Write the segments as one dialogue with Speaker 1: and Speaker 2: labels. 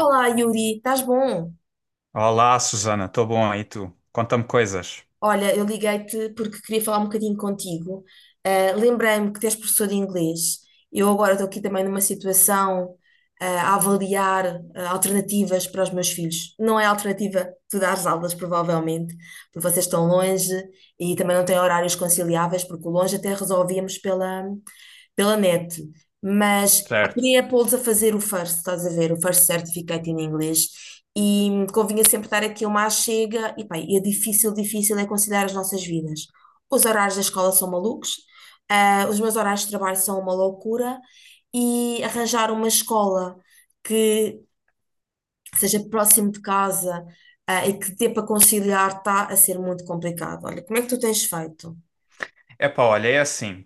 Speaker 1: Olá, Yuri, estás bom?
Speaker 2: Olá, Susana, estou bom e tu? Conta-me coisas.
Speaker 1: Olha, eu liguei-te porque queria falar um bocadinho contigo. Lembrei-me que tens professor de inglês. Eu agora estou aqui também numa situação, a avaliar, alternativas para os meus filhos. Não é alternativa tu dares aulas, provavelmente, porque vocês estão longe e também não têm horários conciliáveis, porque o longe até resolvíamos pela, pela net, mas pá,
Speaker 2: Certo.
Speaker 1: queria pô-los a fazer o first, estás a ver, o first certificate em inglês, e convinha sempre dar aqui uma chega, e pá, e é difícil, difícil é conciliar as nossas vidas. Os horários da escola são malucos, os meus horários de trabalho são uma loucura, e arranjar uma escola que seja próximo de casa, e que dê para conciliar está a ser muito complicado. Olha, como é que tu tens feito?
Speaker 2: Epá, olha, é assim.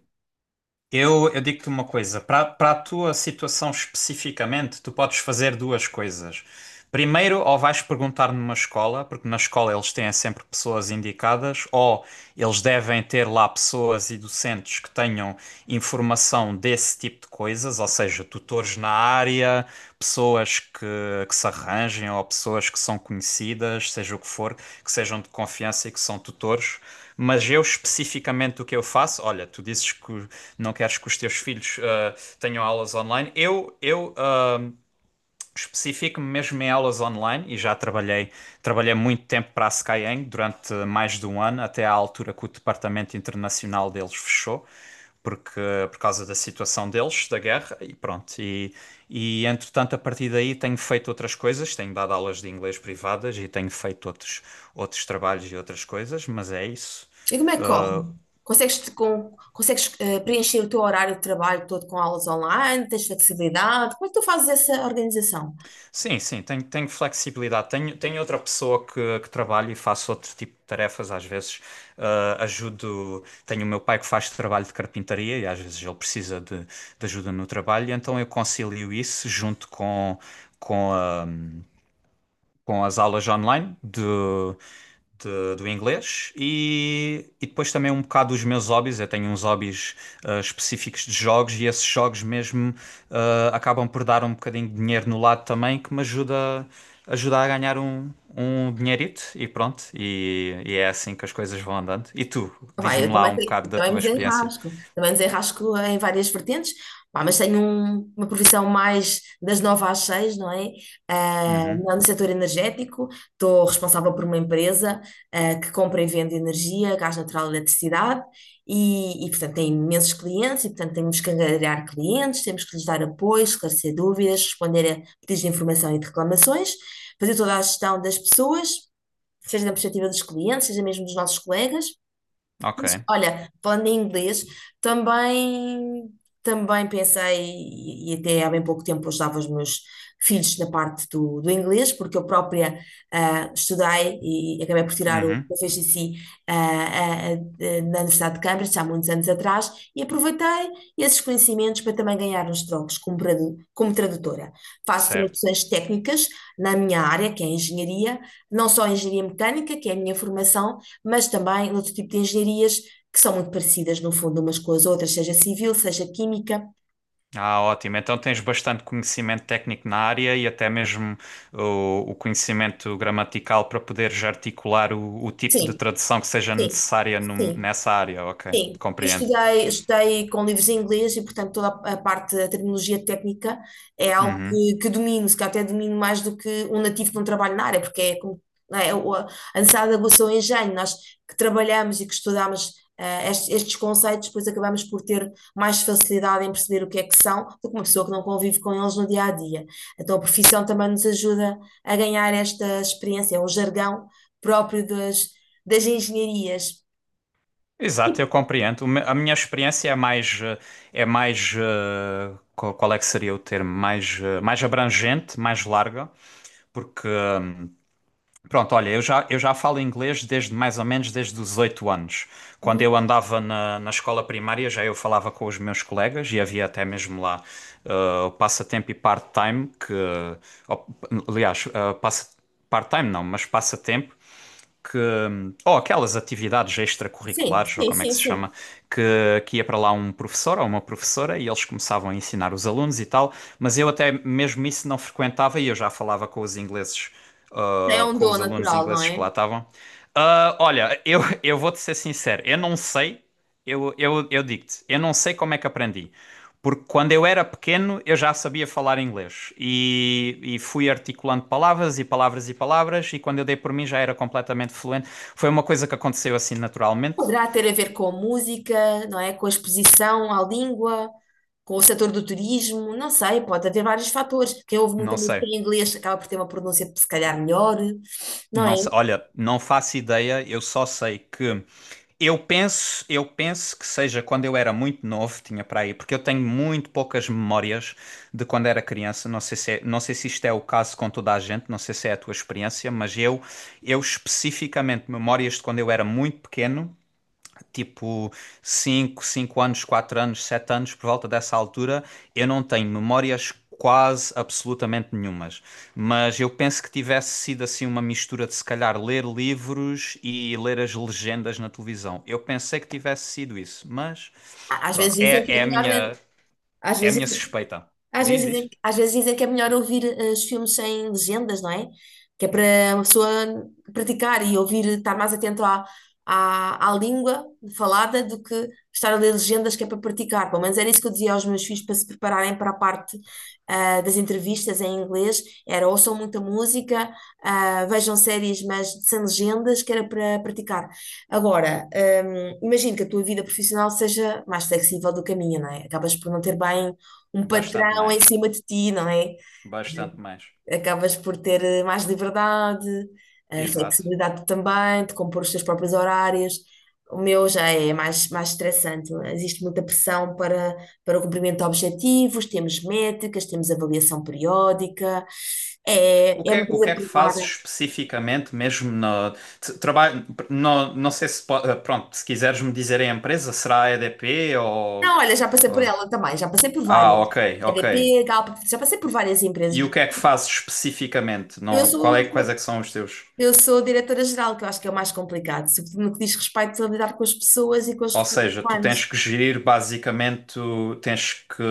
Speaker 2: Eu digo-te uma coisa. Para a tua situação especificamente, tu podes fazer duas coisas. Primeiro, ou vais perguntar numa escola, porque na escola eles têm sempre pessoas indicadas, ou eles devem ter lá pessoas e docentes que tenham informação desse tipo de coisas, ou seja, tutores na área. Pessoas que se arranjem ou pessoas que são conhecidas, seja o que for, que sejam de confiança e que são tutores. Mas eu especificamente o que eu faço, olha, tu dizes que não queres que os teus filhos tenham aulas online. Eu especifico-me mesmo em aulas online e já trabalhei muito tempo para a Skyeng durante mais de um ano, até à altura que o departamento internacional deles fechou. Porque, por causa da situação deles, da guerra, e pronto. E entretanto, a partir daí, tenho feito outras coisas, tenho dado aulas de inglês privadas e tenho feito outros trabalhos e outras coisas, mas é isso.
Speaker 1: E como é que corre? Consegues preencher o teu horário de trabalho todo com aulas online? Tens flexibilidade? Como é que tu fazes essa organização?
Speaker 2: Sim, sim, tenho, tenho flexibilidade. Tenho, tenho outra pessoa que trabalho e faço outro tipo de tarefas. Às vezes ajudo. Tenho o meu pai que faz trabalho de carpintaria e às vezes ele precisa de ajuda no trabalho, e então eu concilio isso junto com a com as aulas online do inglês e depois também um bocado os meus hobbies. Eu tenho uns hobbies específicos de jogos e esses jogos mesmo acabam por dar um bocadinho de dinheiro no lado também que me ajuda a ganhar um dinheirito e pronto. E é assim que as coisas vão andando. E tu,
Speaker 1: Pá, eu
Speaker 2: diz-me lá
Speaker 1: também,
Speaker 2: um bocado
Speaker 1: eu
Speaker 2: da tua experiência.
Speaker 1: também me desenrasco em várias vertentes, pá, mas tenho uma profissão mais das nove às seis, não é? Ah,
Speaker 2: Uhum,
Speaker 1: no setor energético, estou responsável por uma empresa, que compra e vende energia, gás natural e eletricidade, e, portanto tem imensos clientes, e portanto temos que angariar clientes, temos que lhes dar apoio, esclarecer dúvidas, responder a pedidos de informação e de reclamações, fazer toda a gestão das pessoas, seja na perspectiva dos clientes, seja mesmo dos nossos colegas.
Speaker 2: ok.
Speaker 1: Mas, olha, falando em inglês, também, também pensei, e até há bem pouco tempo ajudava os meus filhos na parte do, do inglês, porque eu própria estudei e acabei por tirar o
Speaker 2: Uhum,
Speaker 1: proficiency na Universidade de Cambridge há muitos anos atrás e aproveitei esses conhecimentos para também ganhar uns trocos como, como tradutora. Faço
Speaker 2: certo.
Speaker 1: traduções técnicas na minha área, que é a engenharia, não só a engenharia mecânica, que é a minha formação, mas também outro tipo de engenharias que são muito parecidas, no fundo, umas com as outras, seja civil, seja química.
Speaker 2: Ah, ótimo. Então tens bastante conhecimento técnico na área e até mesmo o conhecimento gramatical para poderes articular o tipo de
Speaker 1: Sim,
Speaker 2: tradução que seja
Speaker 1: sim,
Speaker 2: necessária
Speaker 1: sim.
Speaker 2: nessa área. Ok,
Speaker 1: Sim, eu
Speaker 2: compreendo.
Speaker 1: estudei, estudei com livros em inglês e, portanto, toda a parte da terminologia técnica é algo
Speaker 2: Uhum.
Speaker 1: que domino, se calhar até domino mais do que um nativo que não trabalha na área, porque é como não é, a necessidade de aguçou o engenho. Nós que trabalhamos e que estudamos estes conceitos, depois acabamos por ter mais facilidade em perceber o que é que são do que uma pessoa que não convive com eles no dia a dia. Então, a profissão também nos ajuda a ganhar esta experiência, o jargão próprio das, das engenharias.
Speaker 2: Exato, eu compreendo. A minha experiência é mais, eh, qual é que seria o termo? Mais, eh, mais abrangente, mais larga, porque pronto, olha, eu já falo inglês desde mais ou menos desde os 8 anos. Quando eu andava na, na escola primária, já eu falava com os meus colegas e havia até mesmo lá o passatempo e part-time, que. Oh, aliás, part-time não, mas passatempo, que, ou aquelas atividades
Speaker 1: Sim,
Speaker 2: extracurriculares, ou
Speaker 1: sim,
Speaker 2: como é que
Speaker 1: sim,
Speaker 2: se
Speaker 1: sim.
Speaker 2: chama, que ia para lá um professor ou uma professora e eles começavam a ensinar os alunos e tal, mas eu até mesmo isso não frequentava e eu já falava com os ingleses,
Speaker 1: Já é um
Speaker 2: com
Speaker 1: dom
Speaker 2: os alunos
Speaker 1: natural, não
Speaker 2: ingleses que lá
Speaker 1: é?
Speaker 2: estavam. Ah, olha, eu vou-te ser sincero, eu não sei. Eu digo-te, eu não sei como é que aprendi, porque quando eu era pequeno eu já sabia falar inglês e fui articulando palavras e palavras, e quando eu dei por mim já era completamente fluente. Foi uma coisa que aconteceu assim naturalmente.
Speaker 1: Poderá ter a ver com a música, não é? Com a exposição à língua, com o setor do turismo, não sei, pode haver vários fatores. Quem ouve muita
Speaker 2: Não
Speaker 1: música
Speaker 2: sei,
Speaker 1: em inglês acaba por ter uma pronúncia, se calhar, melhor, não é?
Speaker 2: não sei. Olha, não faço ideia, eu só sei que. Eu penso que seja quando eu era muito novo, tinha para aí, porque eu tenho muito poucas memórias de quando era criança. Não sei se é- não sei se isto é o caso com toda a gente, não sei se é a tua experiência, eu especificamente memórias de quando eu era muito pequeno tipo cinco anos, 4 anos, 7 anos, por volta dessa altura, eu não tenho memórias quase absolutamente nenhumas. Mas eu penso que tivesse sido assim uma mistura de se calhar ler livros e ler as legendas na televisão. Eu pensei que tivesse sido isso, mas
Speaker 1: Às vezes
Speaker 2: pronto,
Speaker 1: dizem que é melhor, né? Às
Speaker 2: é a
Speaker 1: vezes
Speaker 2: minha suspeita.
Speaker 1: às
Speaker 2: Diz,
Speaker 1: vezes dizem,
Speaker 2: diz.
Speaker 1: às vezes dizem que é melhor ouvir os filmes sem legendas, não é? Que é para uma pessoa praticar e ouvir, estar mais atento à, à, à língua falada do que estar a ler legendas que é para praticar. Pelo menos era isso que eu dizia aos meus filhos para se prepararem para a parte das entrevistas em inglês. Era ouçam muita música, vejam séries, mas sem legendas, que era para praticar. Agora, imagino que a tua vida profissional seja mais flexível do que a minha, não é? Acabas por não ter bem um
Speaker 2: Bastante
Speaker 1: patrão em
Speaker 2: mais.
Speaker 1: cima de ti, não é?
Speaker 2: Bastante mais.
Speaker 1: Acabas por ter mais liberdade,
Speaker 2: Exato.
Speaker 1: flexibilidade também, de compor os teus próprios horários. O meu já é mais, mais estressante. Existe muita pressão para, para o cumprimento de objetivos, temos métricas, temos avaliação periódica. É, é uma
Speaker 2: O que
Speaker 1: empresa
Speaker 2: é que fazes
Speaker 1: privada.
Speaker 2: especificamente, mesmo no trabalho? No, não sei se po- eh, pronto, se quiseres me dizer a empresa, será a EDP
Speaker 1: Não, olha, já passei por
Speaker 2: ou-
Speaker 1: ela também, já passei por
Speaker 2: Ah,
Speaker 1: várias.
Speaker 2: ok, ok.
Speaker 1: EDP, Galp, já passei por várias empresas.
Speaker 2: E o que é que fazes especificamente?
Speaker 1: Eu
Speaker 2: Não,
Speaker 1: sou,
Speaker 2: quais é
Speaker 1: sou-
Speaker 2: que são os teus?
Speaker 1: Eu sou diretora geral, que eu acho que é o mais complicado, sobretudo no que diz respeito a lidar com as pessoas e com os
Speaker 2: Ou
Speaker 1: recursos
Speaker 2: seja, tu tens
Speaker 1: humanos.
Speaker 2: que gerir basicamente, tu tens que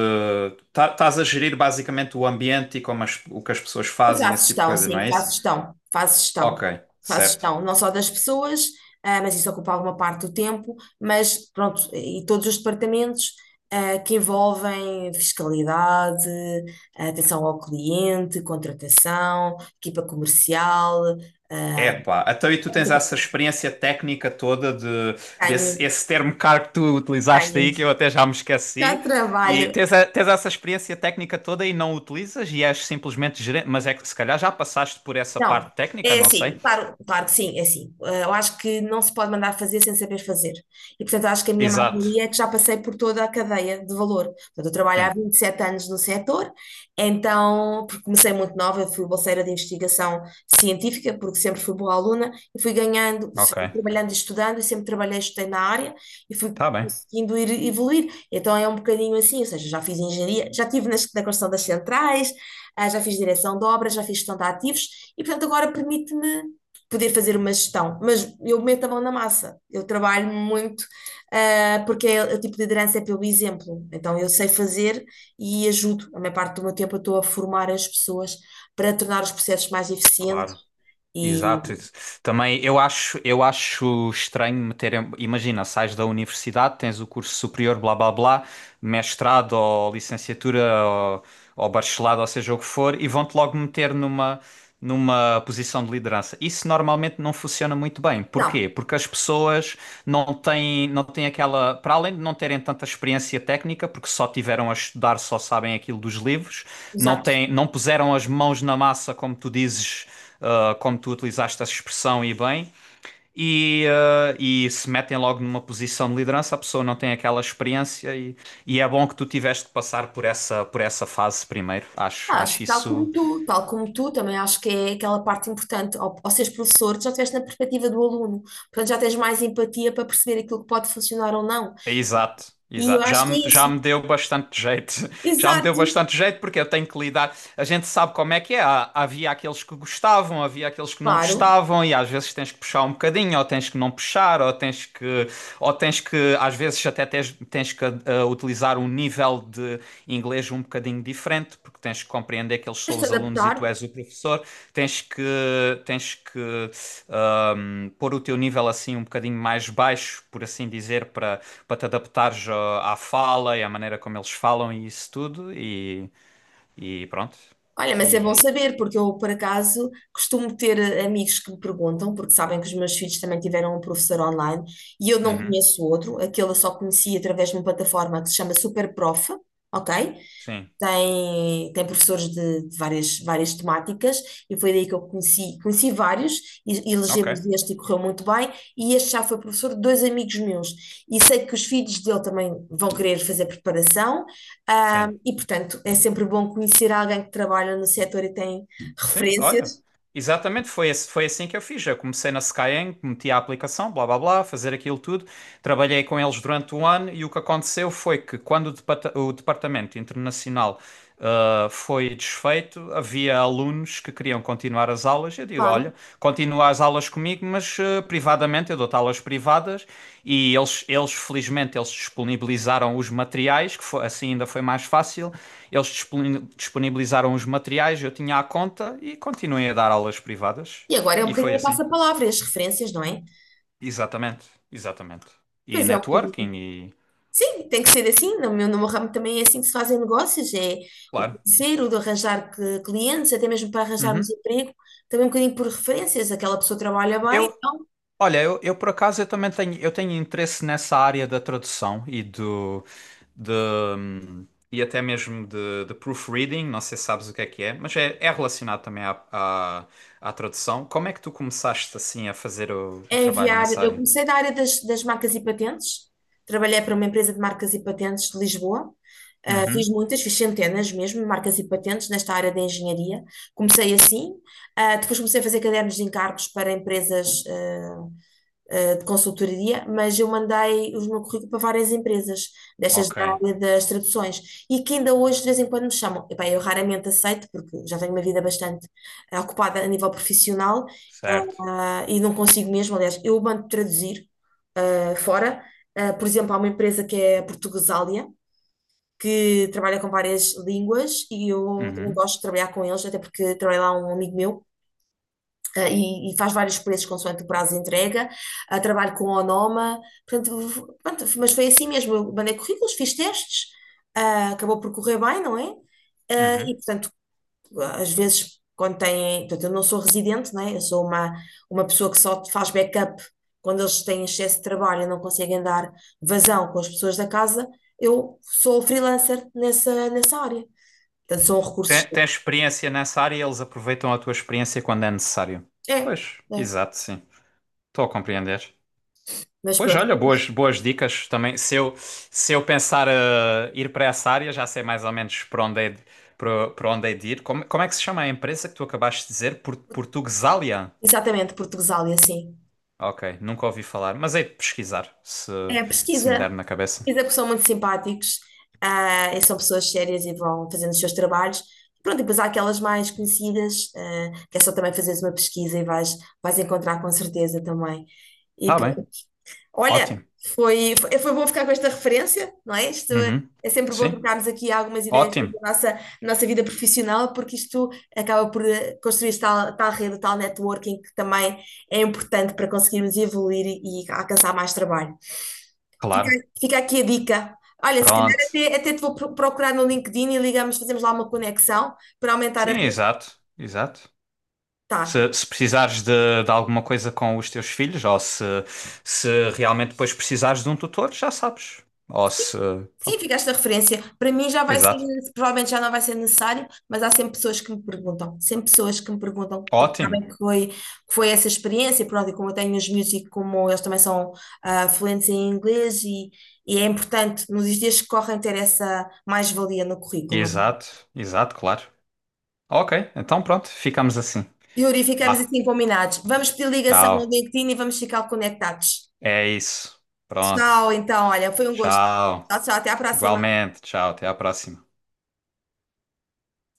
Speaker 2: estás a gerir basicamente o ambiente e como o que as pessoas
Speaker 1: Eu
Speaker 2: fazem,
Speaker 1: faço
Speaker 2: esse tipo de
Speaker 1: gestão,
Speaker 2: coisa, não
Speaker 1: sim,
Speaker 2: é isso? Ok,
Speaker 1: faço
Speaker 2: certo.
Speaker 1: gestão, não só das pessoas, mas isso ocupa alguma parte do tempo, mas pronto, e todos os departamentos que envolvem fiscalidade, atenção ao cliente, contratação, equipa comercial.
Speaker 2: Epá, então e tu tens essa experiência técnica toda de,
Speaker 1: Tenho,
Speaker 2: desse esse termo caro que tu utilizaste aí,
Speaker 1: tenho.
Speaker 2: que eu até já me
Speaker 1: Já
Speaker 2: esqueci, e
Speaker 1: trabalho,
Speaker 2: tens essa experiência técnica toda e não utilizas e és simplesmente gerente, mas é que se calhar já passaste por essa
Speaker 1: não,
Speaker 2: parte técnica,
Speaker 1: é
Speaker 2: não sei.
Speaker 1: assim, claro, claro que sim, é assim. Eu acho que não se pode mandar fazer sem saber fazer. E, portanto, acho que a minha
Speaker 2: Exato,
Speaker 1: mais-valia é que já passei por toda a cadeia de valor. Portanto, eu trabalho há
Speaker 2: sim,
Speaker 1: 27 anos no setor, então, porque comecei muito nova, eu fui bolseira de investigação científica, porque sempre fui boa aluna, e fui ganhando,
Speaker 2: ok,
Speaker 1: fui trabalhando e estudando, e sempre trabalhei, e estudei na área, e fui
Speaker 2: tá bem,
Speaker 1: conseguindo ir evoluir. Então, é um bocadinho assim, ou seja, já fiz engenharia, já estive na, na construção das centrais, já fiz direção de obras, já fiz gestão de ativos, e portanto agora permite-me poder fazer uma gestão, mas eu meto a mão na massa, eu trabalho muito, porque é, o tipo de liderança é pelo exemplo, então eu sei fazer e ajudo, a maior parte do meu tempo eu estou a formar as pessoas para tornar os processos mais eficientes
Speaker 2: claro.
Speaker 1: e.
Speaker 2: Exato. Isso. Também eu acho estranho meterem. Imagina, sais da universidade, tens o curso superior, blá blá blá, mestrado ou licenciatura ou, ou bacharelado, ou seja o que for, e vão-te logo meter numa numa posição de liderança. Isso normalmente não funciona muito bem.
Speaker 1: Não,
Speaker 2: Porquê? Porque as pessoas não têm, não têm aquela, para além de não terem tanta experiência técnica, porque só tiveram a estudar, só sabem aquilo dos livros, não
Speaker 1: exato.
Speaker 2: têm, não puseram as mãos na massa, como tu dizes, como tu utilizaste essa expressão e bem. E, ah, e se metem logo numa posição de liderança, a pessoa não tem aquela experiência e é bom que tu tiveste de passar por essa fase primeiro. Acho,
Speaker 1: Acho
Speaker 2: acho
Speaker 1: que
Speaker 2: isso.
Speaker 1: tal como tu, também acho que é aquela parte importante. Ao seres professor, tu já estiveste na perspectiva do aluno, portanto já tens mais empatia para perceber aquilo que pode funcionar ou não.
Speaker 2: Exato,
Speaker 1: E eu
Speaker 2: exato.
Speaker 1: acho que é
Speaker 2: Já
Speaker 1: isso.
Speaker 2: me deu bastante jeito. Já me deu
Speaker 1: Exato.
Speaker 2: bastante jeito porque eu tenho que lidar. A gente sabe como é que é. Havia aqueles que gostavam, havia aqueles que não
Speaker 1: Claro,
Speaker 2: gostavam, e às vezes tens que puxar um bocadinho, ou tens que não puxar, ou tens que, às vezes até tens que utilizar um nível de inglês um bocadinho diferente, porque tens que compreender que eles são
Speaker 1: tens de
Speaker 2: os alunos e tu
Speaker 1: adaptar.
Speaker 2: és o professor. Tens que, tens que pôr o teu nível assim um bocadinho mais baixo, por assim dizer, para para te adaptares à fala e à maneira como eles falam e isso tudo, e pronto.
Speaker 1: Olha, mas
Speaker 2: E,
Speaker 1: é bom
Speaker 2: é isso.
Speaker 1: saber, porque eu, por acaso, costumo ter amigos que me perguntam, porque sabem que os meus filhos também tiveram um professor online e eu não
Speaker 2: Uhum,
Speaker 1: conheço outro, aquele eu só conheci através de uma plataforma que se chama Superprof, ok?
Speaker 2: sim,
Speaker 1: Tem professores de várias temáticas, e foi daí que eu conheci, vários, e elegemos
Speaker 2: ok,
Speaker 1: este e correu muito bem, e este já foi professor de dois amigos meus, e sei que os filhos dele também vão querer fazer preparação,
Speaker 2: sim.
Speaker 1: e portanto é sempre bom conhecer alguém que trabalha no setor e tem
Speaker 2: Sim, olha.
Speaker 1: referências,
Speaker 2: Exatamente, foi assim que eu fiz. Eu comecei na Skyeng, meti a aplicação, blá blá blá, fazer aquilo tudo. Trabalhei com eles durante um ano e o que aconteceu foi que quando o departamento internacional foi desfeito, havia alunos que queriam continuar as aulas. Digo,
Speaker 1: claro.
Speaker 2: olha, continua as aulas comigo, mas eh, privadamente, eu dou-te aulas privadas e felizmente, eles disponibilizaram os materiais, que foi, assim ainda foi mais fácil, eles disponibilizaram os materiais, eu tinha a conta e continuei a dar aulas privadas.
Speaker 1: E agora é um
Speaker 2: E foi
Speaker 1: bocadinho a
Speaker 2: assim.
Speaker 1: passa-palavra, as referências, não é?
Speaker 2: Exatamente, exatamente. E
Speaker 1: Pois é, um bocadinho.
Speaker 2: networking e...
Speaker 1: Sim, tem que ser assim. No meu ramo também é assim que se fazem negócios, é o
Speaker 2: Claro.
Speaker 1: parceiro de arranjar clientes, até mesmo para arranjarmos
Speaker 2: Uhum.
Speaker 1: emprego, também um bocadinho por referências, aquela pessoa trabalha bem,
Speaker 2: Eu,
Speaker 1: então
Speaker 2: olha, eu por acaso eu tenho interesse nessa área da tradução e do... de, e até mesmo de proofreading, não sei se sabes o que é, mas é, é relacionado também à, à, à tradução. Como é que tu começaste assim a fazer o
Speaker 1: é
Speaker 2: trabalho
Speaker 1: enviar.
Speaker 2: nessa
Speaker 1: Eu
Speaker 2: área?
Speaker 1: comecei da área das marcas e patentes, trabalhei para uma empresa de marcas e patentes de Lisboa. Fiz
Speaker 2: Uhum.
Speaker 1: muitas, fiz centenas mesmo, marcas e patentes nesta área da engenharia. Comecei assim. Depois comecei a fazer cadernos de encargos para empresas, de consultoria, mas eu mandei o meu currículo para várias empresas, destas
Speaker 2: Ok,
Speaker 1: da área das traduções, e que ainda hoje de vez em quando me chamam. Epá, eu raramente aceito, porque já tenho uma vida bastante ocupada a nível profissional,
Speaker 2: certo.
Speaker 1: e não consigo mesmo, aliás, eu mando traduzir fora. Por exemplo, há uma empresa que é a Portuguesália, que trabalha com várias línguas, e eu também
Speaker 2: Uhum.
Speaker 1: gosto de trabalhar com eles, até porque trabalha lá um amigo meu, e faz vários preços consoante o prazo de entrega. Trabalho com Onoma, portanto, pronto, mas foi assim mesmo. Eu mandei currículos, fiz testes, acabou por correr bem, não é? E,
Speaker 2: Uhum.
Speaker 1: portanto, às vezes, quando têm. Portanto, eu não sou residente, não é? Eu sou uma pessoa que só faz backup quando eles têm excesso de trabalho e não conseguem dar vazão com as pessoas da casa. Eu sou freelancer nessa área. Portanto, são recursos.
Speaker 2: Tem, tens experiência nessa área e eles aproveitam a tua experiência quando é necessário.
Speaker 1: É,
Speaker 2: Pois,
Speaker 1: é.
Speaker 2: exato, sim. Estou a compreender.
Speaker 1: Mas
Speaker 2: Pois
Speaker 1: pronto,
Speaker 2: olha, boas, boas dicas também. Se eu pensar eh, ir para essa área, já sei mais ou menos para onde é de, para, para onde é de ir. Como, como é que se chama a empresa que tu acabaste de dizer? Por, Portuguesalia?
Speaker 1: exatamente, Portugal e assim.
Speaker 2: Ok, nunca ouvi falar, mas hei de pesquisar se,
Speaker 1: É,
Speaker 2: se me der
Speaker 1: pesquisa,
Speaker 2: na cabeça.
Speaker 1: pesquisa porque são muito simpáticos, e são pessoas sérias e vão fazendo os seus trabalhos. Pronto, e depois há aquelas mais conhecidas, que é só também fazeres uma pesquisa e vais, vais encontrar com certeza também. E
Speaker 2: Tá bem,
Speaker 1: pronto. Olha,
Speaker 2: ótimo.
Speaker 1: foi bom ficar com esta referência, não é? Isto é
Speaker 2: Uhum.
Speaker 1: é sempre bom
Speaker 2: Sim,
Speaker 1: trocarmos aqui algumas ideias
Speaker 2: ótimo,
Speaker 1: sobre a nossa vida profissional, porque isto acaba por construir tal, tal rede, tal networking que também é importante para conseguirmos evoluir e alcançar mais trabalho. Fica,
Speaker 2: claro.
Speaker 1: fica aqui a dica. Olha, se calhar
Speaker 2: Pronto.
Speaker 1: até te vou procurar no LinkedIn e ligamos, fazemos lá uma conexão para aumentar a
Speaker 2: Sim,
Speaker 1: rede.
Speaker 2: exato, exato.
Speaker 1: Tá.
Speaker 2: Se precisares de alguma coisa com os teus filhos, ou se realmente depois precisares de um tutor, já sabes. Ou se.
Speaker 1: Sim,
Speaker 2: Pronto.
Speaker 1: ficaste a referência. Para mim já vai
Speaker 2: Exato.
Speaker 1: ser, provavelmente já não vai ser necessário, mas há sempre pessoas que me perguntam. Sempre pessoas que me perguntam, porque
Speaker 2: Ótimo.
Speaker 1: sabem que foi essa experiência, pronto, e como eu tenho os miúdos e como eles também são fluentes em inglês e é importante nos dias que correm ter essa mais-valia no currículo.
Speaker 2: Exato. Exato, claro. Ok, então pronto, ficamos assim.
Speaker 1: Yuri, ficamos
Speaker 2: Vá,
Speaker 1: assim combinados. Vamos pedir ligação no
Speaker 2: tchau.
Speaker 1: LinkedIn e vamos ficar conectados.
Speaker 2: É isso. Pronto.
Speaker 1: Tchau, então, olha, foi um gosto.
Speaker 2: Tchau.
Speaker 1: Tchau, tchau, até a próxima.
Speaker 2: Igualmente, tchau. Até à próxima.